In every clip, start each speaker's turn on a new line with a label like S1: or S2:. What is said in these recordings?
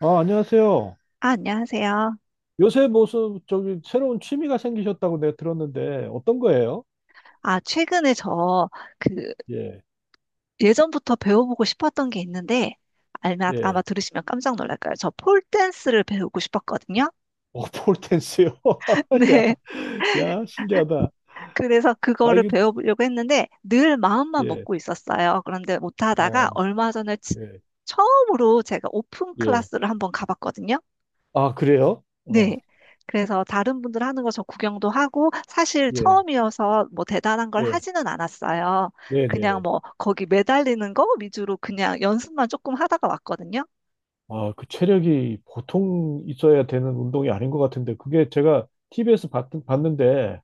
S1: 아, 안녕하세요.
S2: 아, 안녕하세요.
S1: 요새 무슨 저기 새로운 취미가 생기셨다고 내가 들었는데 어떤 거예요?
S2: 아, 최근에 저, 그,
S1: 예,
S2: 예전부터 배워보고 싶었던 게 있는데, 아마
S1: 예.
S2: 들으시면 깜짝 놀랄 거예요. 저 폴댄스를 배우고 싶었거든요.
S1: 어, 폴댄스요. 야,
S2: 네.
S1: 야, 신기하다.
S2: 그래서
S1: 아,
S2: 그거를
S1: 이거
S2: 배워보려고 했는데, 늘 마음만
S1: 예,
S2: 먹고 있었어요. 그런데 못하다가
S1: 어,
S2: 얼마 전에
S1: 예,
S2: 처음으로 제가 오픈
S1: 예.
S2: 클래스를 한번 가봤거든요.
S1: 아, 그래요?
S2: 네.
S1: 어,
S2: 그래서 다른 분들 하는 거 저 구경도 하고 사실
S1: 예,
S2: 처음이어서 뭐 대단한 걸
S1: 예,
S2: 하지는 않았어요.
S1: 네,
S2: 그냥
S1: 네.
S2: 뭐 거기 매달리는 거 위주로 그냥 연습만 조금 하다가 왔거든요.
S1: 아, 그 체력이 보통 있어야 되는 운동이 아닌 것 같은데 그게 제가 TV에서 봤는데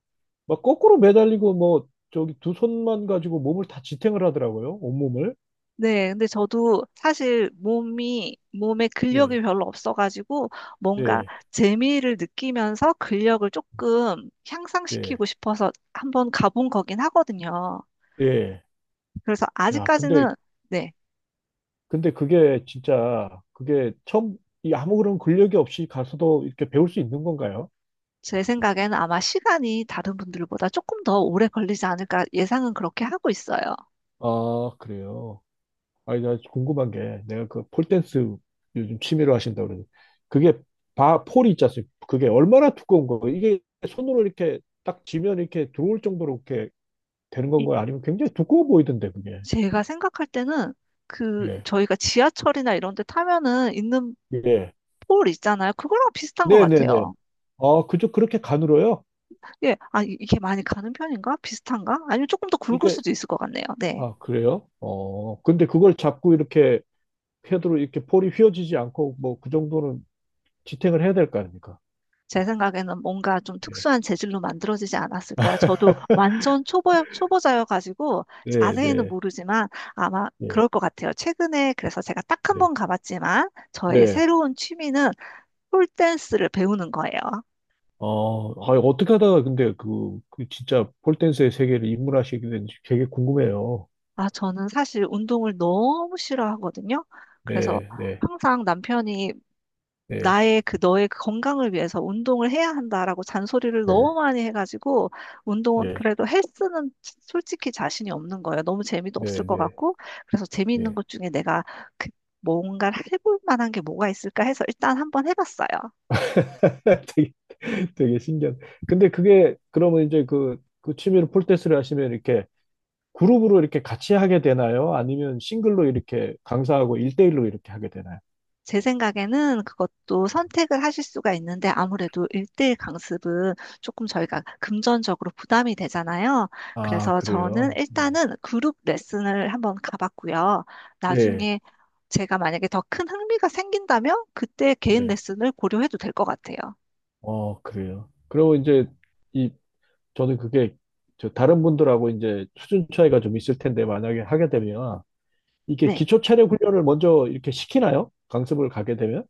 S1: 막 거꾸로 매달리고 뭐 저기 두 손만 가지고 몸을 다 지탱을 하더라고요. 온몸을.
S2: 네. 근데 저도 사실 몸이 몸에
S1: 예,
S2: 근력이 별로 없어가지고 뭔가
S1: 네.
S2: 재미를 느끼면서 근력을 조금
S1: 네.
S2: 향상시키고 싶어서 한번 가본 거긴 하거든요.
S1: 예.
S2: 그래서
S1: 야, 근데,
S2: 아직까지는 네.
S1: 근데 그게 진짜, 그게 처음, 이 아무 그런 근력이 없이 가서도 이렇게 배울 수 있는 건가요?
S2: 제 생각에는 아마 시간이 다른 분들보다 조금 더 오래 걸리지 않을까 예상은 그렇게 하고 있어요.
S1: 아, 그래요. 아니, 나 궁금한 게, 내가 그 폴댄스 요즘 취미로 하신다고 그러는데, 그게 폴이 있지 않습니까? 그게 얼마나 두꺼운 거예요? 이게 손으로 이렇게 딱 쥐면 이렇게 들어올 정도로 이렇게 되는
S2: 이-
S1: 건가요? 아니면 굉장히 두꺼워 보이던데, 그게.
S2: 제가 생각할 때는 그
S1: 예.
S2: 저희가 지하철이나 이런 데 타면은 있는
S1: 예.
S2: 볼 있잖아요. 그거랑 비슷한 것
S1: 네네네.
S2: 같아요.
S1: 아, 그저 그렇게 가늘어요?
S2: 예, 아, 이게 많이 가는 편인가? 비슷한가? 아니면 조금 더 굵을
S1: 이게,
S2: 수도 있을 것 같네요. 네.
S1: 아, 그래요? 어, 근데 그걸 잡고 이렇게 패드로 이렇게 볼이 휘어지지 않고 뭐 그 정도는 지탱을 해야 될 거 아닙니까?
S2: 제 생각에는 뭔가 좀
S1: 네,
S2: 특수한 재질로 만들어지지 않았을까요? 저도 완전 초보자여가지고
S1: 네,
S2: 자세히는
S1: 네,
S2: 모르지만 아마
S1: 네,
S2: 그럴 것 같아요. 최근에 그래서 제가 딱 한
S1: 네.
S2: 번 가봤지만 저의
S1: 네.
S2: 새로운 취미는 폴댄스를 배우는 거예요.
S1: 어, 아, 어떻게 하다가 근데 그 진짜 폴댄스의 세계를 입문하시게 된지 되게 궁금해요.
S2: 아, 저는 사실 운동을 너무 싫어하거든요. 그래서
S1: 네, 네,
S2: 항상 남편이
S1: 네,
S2: 나의 그 너의 그 건강을 위해서 운동을 해야 한다라고 잔소리를
S1: 네,
S2: 너무 많이 해가지고 운동
S1: 네
S2: 그래도 헬스는 솔직히 자신이 없는 거예요. 너무 재미도 없을
S1: 네,
S2: 것
S1: 네,
S2: 같고 그래서 재미있는
S1: 네.
S2: 것 중에 내가 그 뭔가를 해볼 만한 게 뭐가 있을까 해서 일단 한번 해봤어요.
S1: 되게, 되게 신기한. 근데 그게 그러면 이제 그 취미로 폴댄스를 하시면 이렇게 그룹으로 이렇게 같이 하게 되나요? 아니면 싱글로 이렇게 강사하고 일대일로 이렇게 하게 되나요?
S2: 제 생각에는 그것도 선택을 하실 수가 있는데 아무래도 1:1 강습은 조금 저희가 금전적으로 부담이 되잖아요.
S1: 아,
S2: 그래서 저는
S1: 그래요?
S2: 일단은 그룹 레슨을 한번 가봤고요.
S1: 네,
S2: 나중에 제가 만약에 더 큰 흥미가 생긴다면 그때 개인
S1: 네.
S2: 레슨을 고려해도 될 것 같아요.
S1: 어, 그래요. 그리고 이제 이 저는 그게 저 다른 분들하고 이제 수준 차이가 좀 있을 텐데 만약에 하게 되면 이게
S2: 네.
S1: 기초 체력 훈련을 먼저 이렇게 시키나요? 강습을 가게 되면?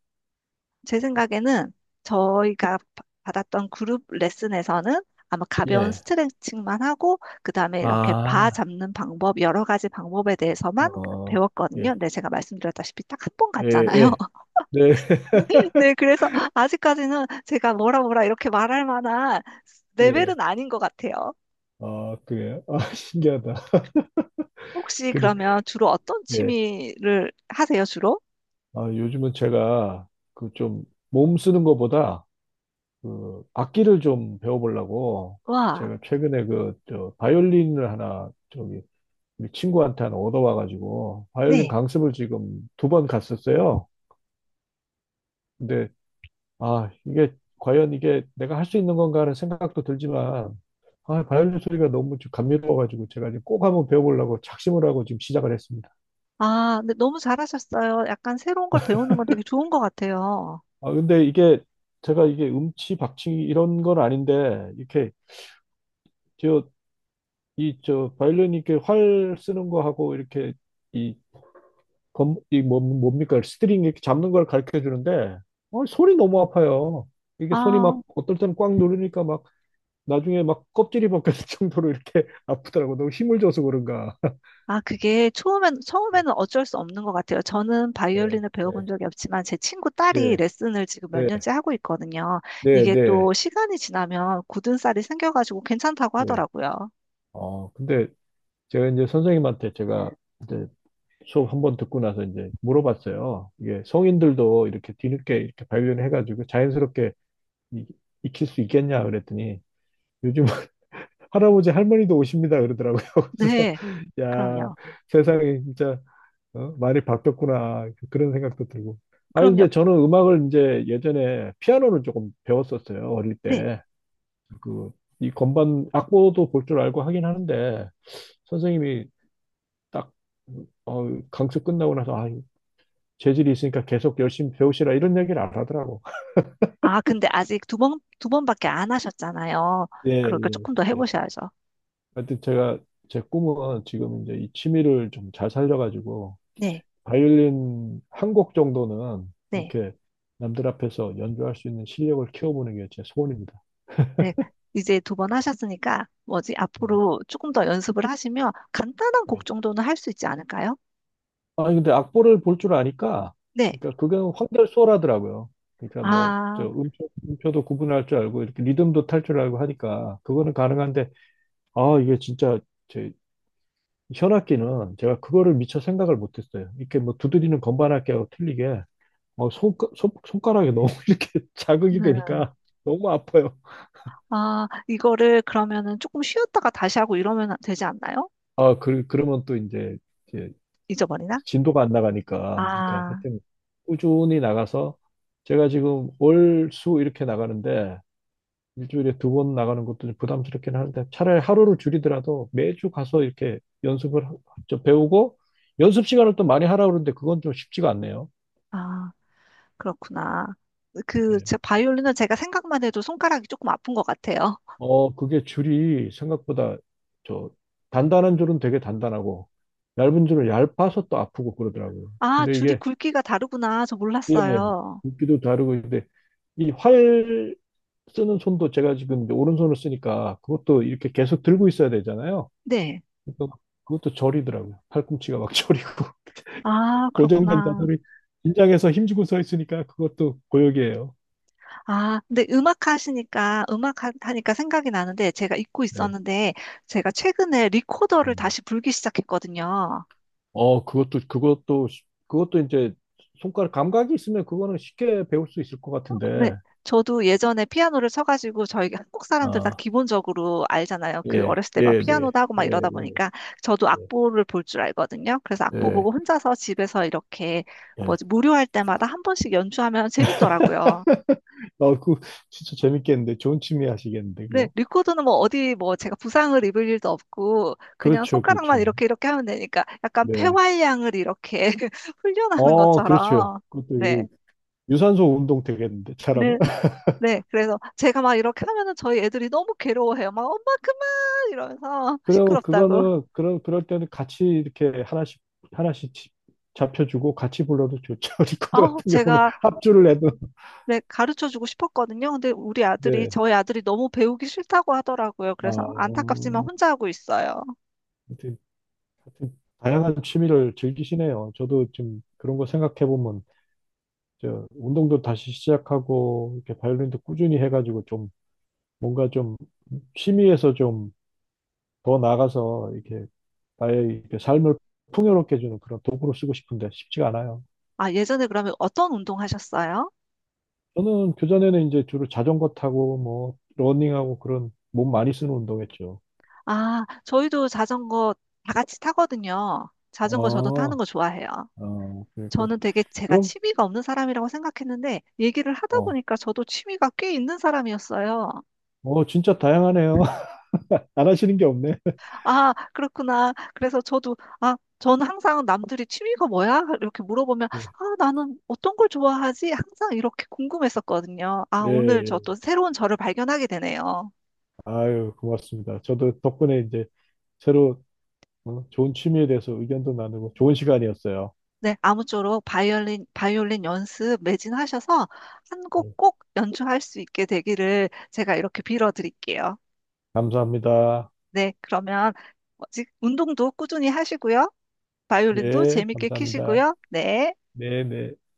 S2: 제 생각에는 저희가 받았던 그룹 레슨에서는 아마 가벼운
S1: 예.
S2: 스트레칭만 하고, 그 다음에 이렇게 바
S1: 아,
S2: 잡는 방법, 여러 가지 방법에 대해서만
S1: 어,
S2: 배웠거든요.
S1: 예,
S2: 근데 제가 말씀드렸다시피 딱 한 번
S1: 예,
S2: 갔잖아요.
S1: 예. 네,
S2: 네, 그래서 아직까지는 제가 뭐라 뭐라 이렇게 말할 만한
S1: 예.
S2: 레벨은 아닌 것 같아요.
S1: 아, 그래요? 아, 신기하다.
S2: 혹시
S1: 근데,
S2: 그러면 주로 어떤
S1: 예.
S2: 취미를 하세요, 주로?
S1: 아, 요즘은 제가 그 좀 몸 쓰는 것보다 그 악기를 좀 배워보려고
S2: 와,
S1: 제가 최근에 그 저 바이올린을 하나 저기 우리 친구한테 하나 얻어와가지고 바이올린
S2: 네.
S1: 강습을 지금 두 번 갔었어요. 근데 아 이게 과연 이게 내가 할 수 있는 건가 하는 생각도 들지만 아 바이올린 소리가 너무 좀 감미로워가지고 제가 이제 꼭 한번 배워보려고 작심을 하고 지금 시작을 했습니다.
S2: 아, 근데 너무 잘하셨어요. 약간 새로운 걸 배우는 건 되게 좋은 것 같아요.
S1: 아 근데 이게 제가 이게 음치 박치 이런 건 아닌데 이렇게 저 이 저 바이올린 이렇게 활 쓰는 거 하고 이렇게 이 이 뭐, 뭡니까? 스트링 이렇게 잡는 걸 가르쳐 주는데, 어, 손이 너무 아파요. 이게 손이
S2: 아.
S1: 막, 어떨 때는 꽉 누르니까 막, 나중에 막 껍질이 벗겨질 정도로 이렇게 아프더라고. 너무 힘을 줘서 그런가.
S2: 아, 그게 처음에는 어쩔 수 없는 것 같아요. 저는
S1: 예,
S2: 바이올린을 배워본
S1: 예,
S2: 적이 없지만 제 친구 딸이
S1: 예,
S2: 레슨을 지금 몇
S1: 예,
S2: 년째 하고 있거든요.
S1: 네,
S2: 이게
S1: 네,
S2: 또 시간이 지나면 굳은 살이 생겨가지고 괜찮다고
S1: 예.
S2: 하더라고요.
S1: 어, 근데 제가 이제 선생님한테 제가 이제 수업 한번 듣고 나서 이제 물어봤어요. 이게 성인들도 이렇게 뒤늦게 이렇게 발견해가지고 자연스럽게 이- 익힐 수 있겠냐 그랬더니 요즘 할아버지 할머니도 오십니다 그러더라고요. 그래서
S2: 네,
S1: 야
S2: 그럼요.
S1: 세상이 진짜 어? 많이 바뀌었구나 그런 생각도 들고. 아
S2: 그럼요.
S1: 근데 저는 음악을 이제 예전에 피아노를 조금 배웠었어요 어릴
S2: 네.
S1: 때. 그 이 건반 악보도 볼 줄 알고 하긴 하는데 선생님이 딱 어, 강습 끝나고 나서 아 재질이 있으니까 계속 열심히 배우시라 이런 얘기를 안 하더라고.
S2: 아, 근데 아직 두 번밖에 안 하셨잖아요.
S1: 예,
S2: 그러니까
S1: 예,
S2: 조금 더
S1: 예.
S2: 해보셔야죠.
S1: 하여튼 제가 제 꿈은 지금 이제 이 취미를 좀 잘 살려가지고
S2: 네,
S1: 바이올린 한 곡 정도는
S2: 네,
S1: 이렇게 남들 앞에서 연주할 수 있는 실력을 키워보는 게 제 소원입니다.
S2: 네. 이제 두 번 하셨으니까 뭐지?
S1: 네.
S2: 앞으로 조금 더 연습을 하시면 간단한 곡
S1: 네.
S2: 정도는 할 수 있지 않을까요?
S1: 아니, 근데 악보를 볼 줄 아니까,
S2: 네.
S1: 그러니까 그게 황달수월하더라고요. 그러니까 뭐,
S2: 아,
S1: 저 음표도 구분할 줄 알고, 이렇게 리듬도 탈 줄 알고 하니까, 그거는 가능한데, 아, 이게 진짜 제 현악기는 제가 그거를 미처 생각을 못했어요. 이렇게 뭐 두드리는 건반악기하고 틀리게, 어, 손가락에 너무 이렇게 자극이
S2: 네.
S1: 되니까 너무 아파요.
S2: 아, 이거를 그러면은 조금 쉬었다가 다시 하고 이러면 되지 않나요?
S1: 아, 그러면 또 이제
S2: 잊어버리나?
S1: 진도가 안 나가니까, 그러니까
S2: 아,
S1: 하여튼 꾸준히 나가서 제가 지금 월, 수 이렇게 나가는데 일주일에 두 번 나가는 것도 좀 부담스럽긴 하는데 차라리 하루를 줄이더라도 매주 가서 이렇게 연습을 하- 배우고 연습 시간을 또 많이 하라 그러는데 그건 좀 쉽지가 않네요.
S2: 아, 그렇구나. 그,
S1: 네.
S2: 제 바이올린은 제가 생각만 해도 손가락이 조금 아픈 것 같아요.
S1: 어, 그게 줄이 생각보다 저 단단한 줄은 되게 단단하고 얇은 줄은 얇아서 또 아프고 그러더라고요.
S2: 아,
S1: 근데
S2: 줄이
S1: 이게
S2: 굵기가 다르구나. 저
S1: 예,
S2: 몰랐어요.
S1: 굵기도 다르고, 근데 이 활 쓰는 손도 제가 지금 이제 오른손을 쓰니까 그것도 이렇게 계속 들고 있어야 되잖아요.
S2: 네.
S1: 그러니까 그것도 저리더라고요. 팔꿈치가 막 저리고.
S2: 아,
S1: 고정된
S2: 그렇구나.
S1: 자세로 긴장해서 힘주고 서 있으니까 그것도 고역이에요.
S2: 아, 근데 음악 하시니까, 음악 하니까 생각이 나는데, 제가 잊고
S1: 네.
S2: 있었는데, 제가 최근에 리코더를
S1: 음.
S2: 다시 불기 시작했거든요.
S1: 어, 그것도 이제 손가락 감각이 있으면 그거는 쉽게 배울 수 있을 것 같은데.
S2: 네, 저도 예전에 피아노를 쳐가지고 저희 한국 사람들 다
S1: 아,
S2: 기본적으로 알잖아요. 그
S1: 예,
S2: 어렸을 때 막
S1: 예, 네.
S2: 피아노도 하고 막
S1: 예,
S2: 이러다 보니까 저도
S1: 예,
S2: 악보를 볼 줄 알거든요. 그래서 악보
S1: 예.
S2: 보고 혼자서 집에서 이렇게
S1: 예.
S2: 뭐지 무료할 때마다 한 번씩 연주하면 재밌더라고요.
S1: 아, 그 진짜 재밌겠는데 좋은 취미 하시겠는데
S2: 네,
S1: 그거.
S2: 리코더는 뭐 어디 뭐 제가 부상을 입을 일도 없고 그냥
S1: 그렇죠,
S2: 손가락만
S1: 그렇죠.
S2: 이렇게 이렇게 하면 되니까 약간
S1: 네.
S2: 폐활량을 이렇게 훈련하는
S1: 어, 그렇죠.
S2: 것처럼
S1: 그것도
S2: 네.
S1: 이 유산소 운동 되겠는데, 사람은.
S2: 네, 네, 그래서 제가 막 이렇게 하면은 저희 애들이 너무 괴로워해요. 막 엄마 그만 이러면서
S1: 그리고
S2: 시끄럽다고.
S1: 그거는, 그런, 그럴 때는 같이 이렇게 하나씩, 하나씩 지- 잡혀주고 같이 불러도 좋죠. 리코더
S2: 어,
S1: 같은 경우는
S2: 제가
S1: 합주를 해도.
S2: 네, 가르쳐 주고 싶었거든요. 근데 우리 아들이
S1: 네.
S2: 저희 아들이 너무 배우기 싫다고 하더라고요.
S1: 아,
S2: 그래서 안타깝지만
S1: 어,
S2: 혼자 하고 있어요.
S1: 하여튼, 하여튼, 다양한 취미를 즐기시네요. 저도 좀 그런 거 생각해보면, 저, 운동도 다시 시작하고, 이렇게 바이올린도 꾸준히 해가지고 좀, 뭔가 좀, 취미에서 좀 더 나가서 이렇게 나의 이렇게 삶을 풍요롭게 해주는 그런 도구로 쓰고 싶은데 쉽지가 않아요.
S2: 아, 예전에 그러면 어떤 운동 하셨어요?
S1: 저는 교전에는 이제 주로 자전거 타고 뭐 러닝하고 그런 몸 많이 쓰는 운동했죠.
S2: 아, 저희도 자전거 다 같이 타거든요. 자전거 저도 타는
S1: 아,
S2: 거 좋아해요.
S1: 아 그래, 그래.
S2: 저는 되게 제가
S1: 그럼,
S2: 취미가 없는 사람이라고 생각했는데 얘기를 하다
S1: 어,
S2: 보니까 저도 취미가 꽤 있는 사람이었어요.
S1: 진짜 다양하네요. 안 하시는 게 없네.
S2: 아, 그렇구나. 그래서 저도, 아, 저는 항상 남들이 취미가 뭐야? 이렇게 물어보면,
S1: 네.
S2: 아, 나는 어떤 걸 좋아하지? 항상 이렇게 궁금했었거든요. 아,
S1: 예,
S2: 오늘
S1: 예.
S2: 저 또 새로운 저를 발견하게 되네요.
S1: 아유, 고맙습니다. 저도 덕분에 이제 새로 좋은 취미에 대해서 의견도 나누고 좋은 시간이었어요.
S2: 네, 아무쪼록 바이올린 연습 매진하셔서 한 곡
S1: 예,
S2: 꼭 연주할 수 있게 되기를 제가 이렇게 빌어드릴게요.
S1: 감사합니다.
S2: 네, 그러면 뭐지? 운동도 꾸준히 하시고요. 바이올린도
S1: 예,
S2: 재밌게
S1: 감사합니다.
S2: 키시고요. 네.
S1: 네, 네.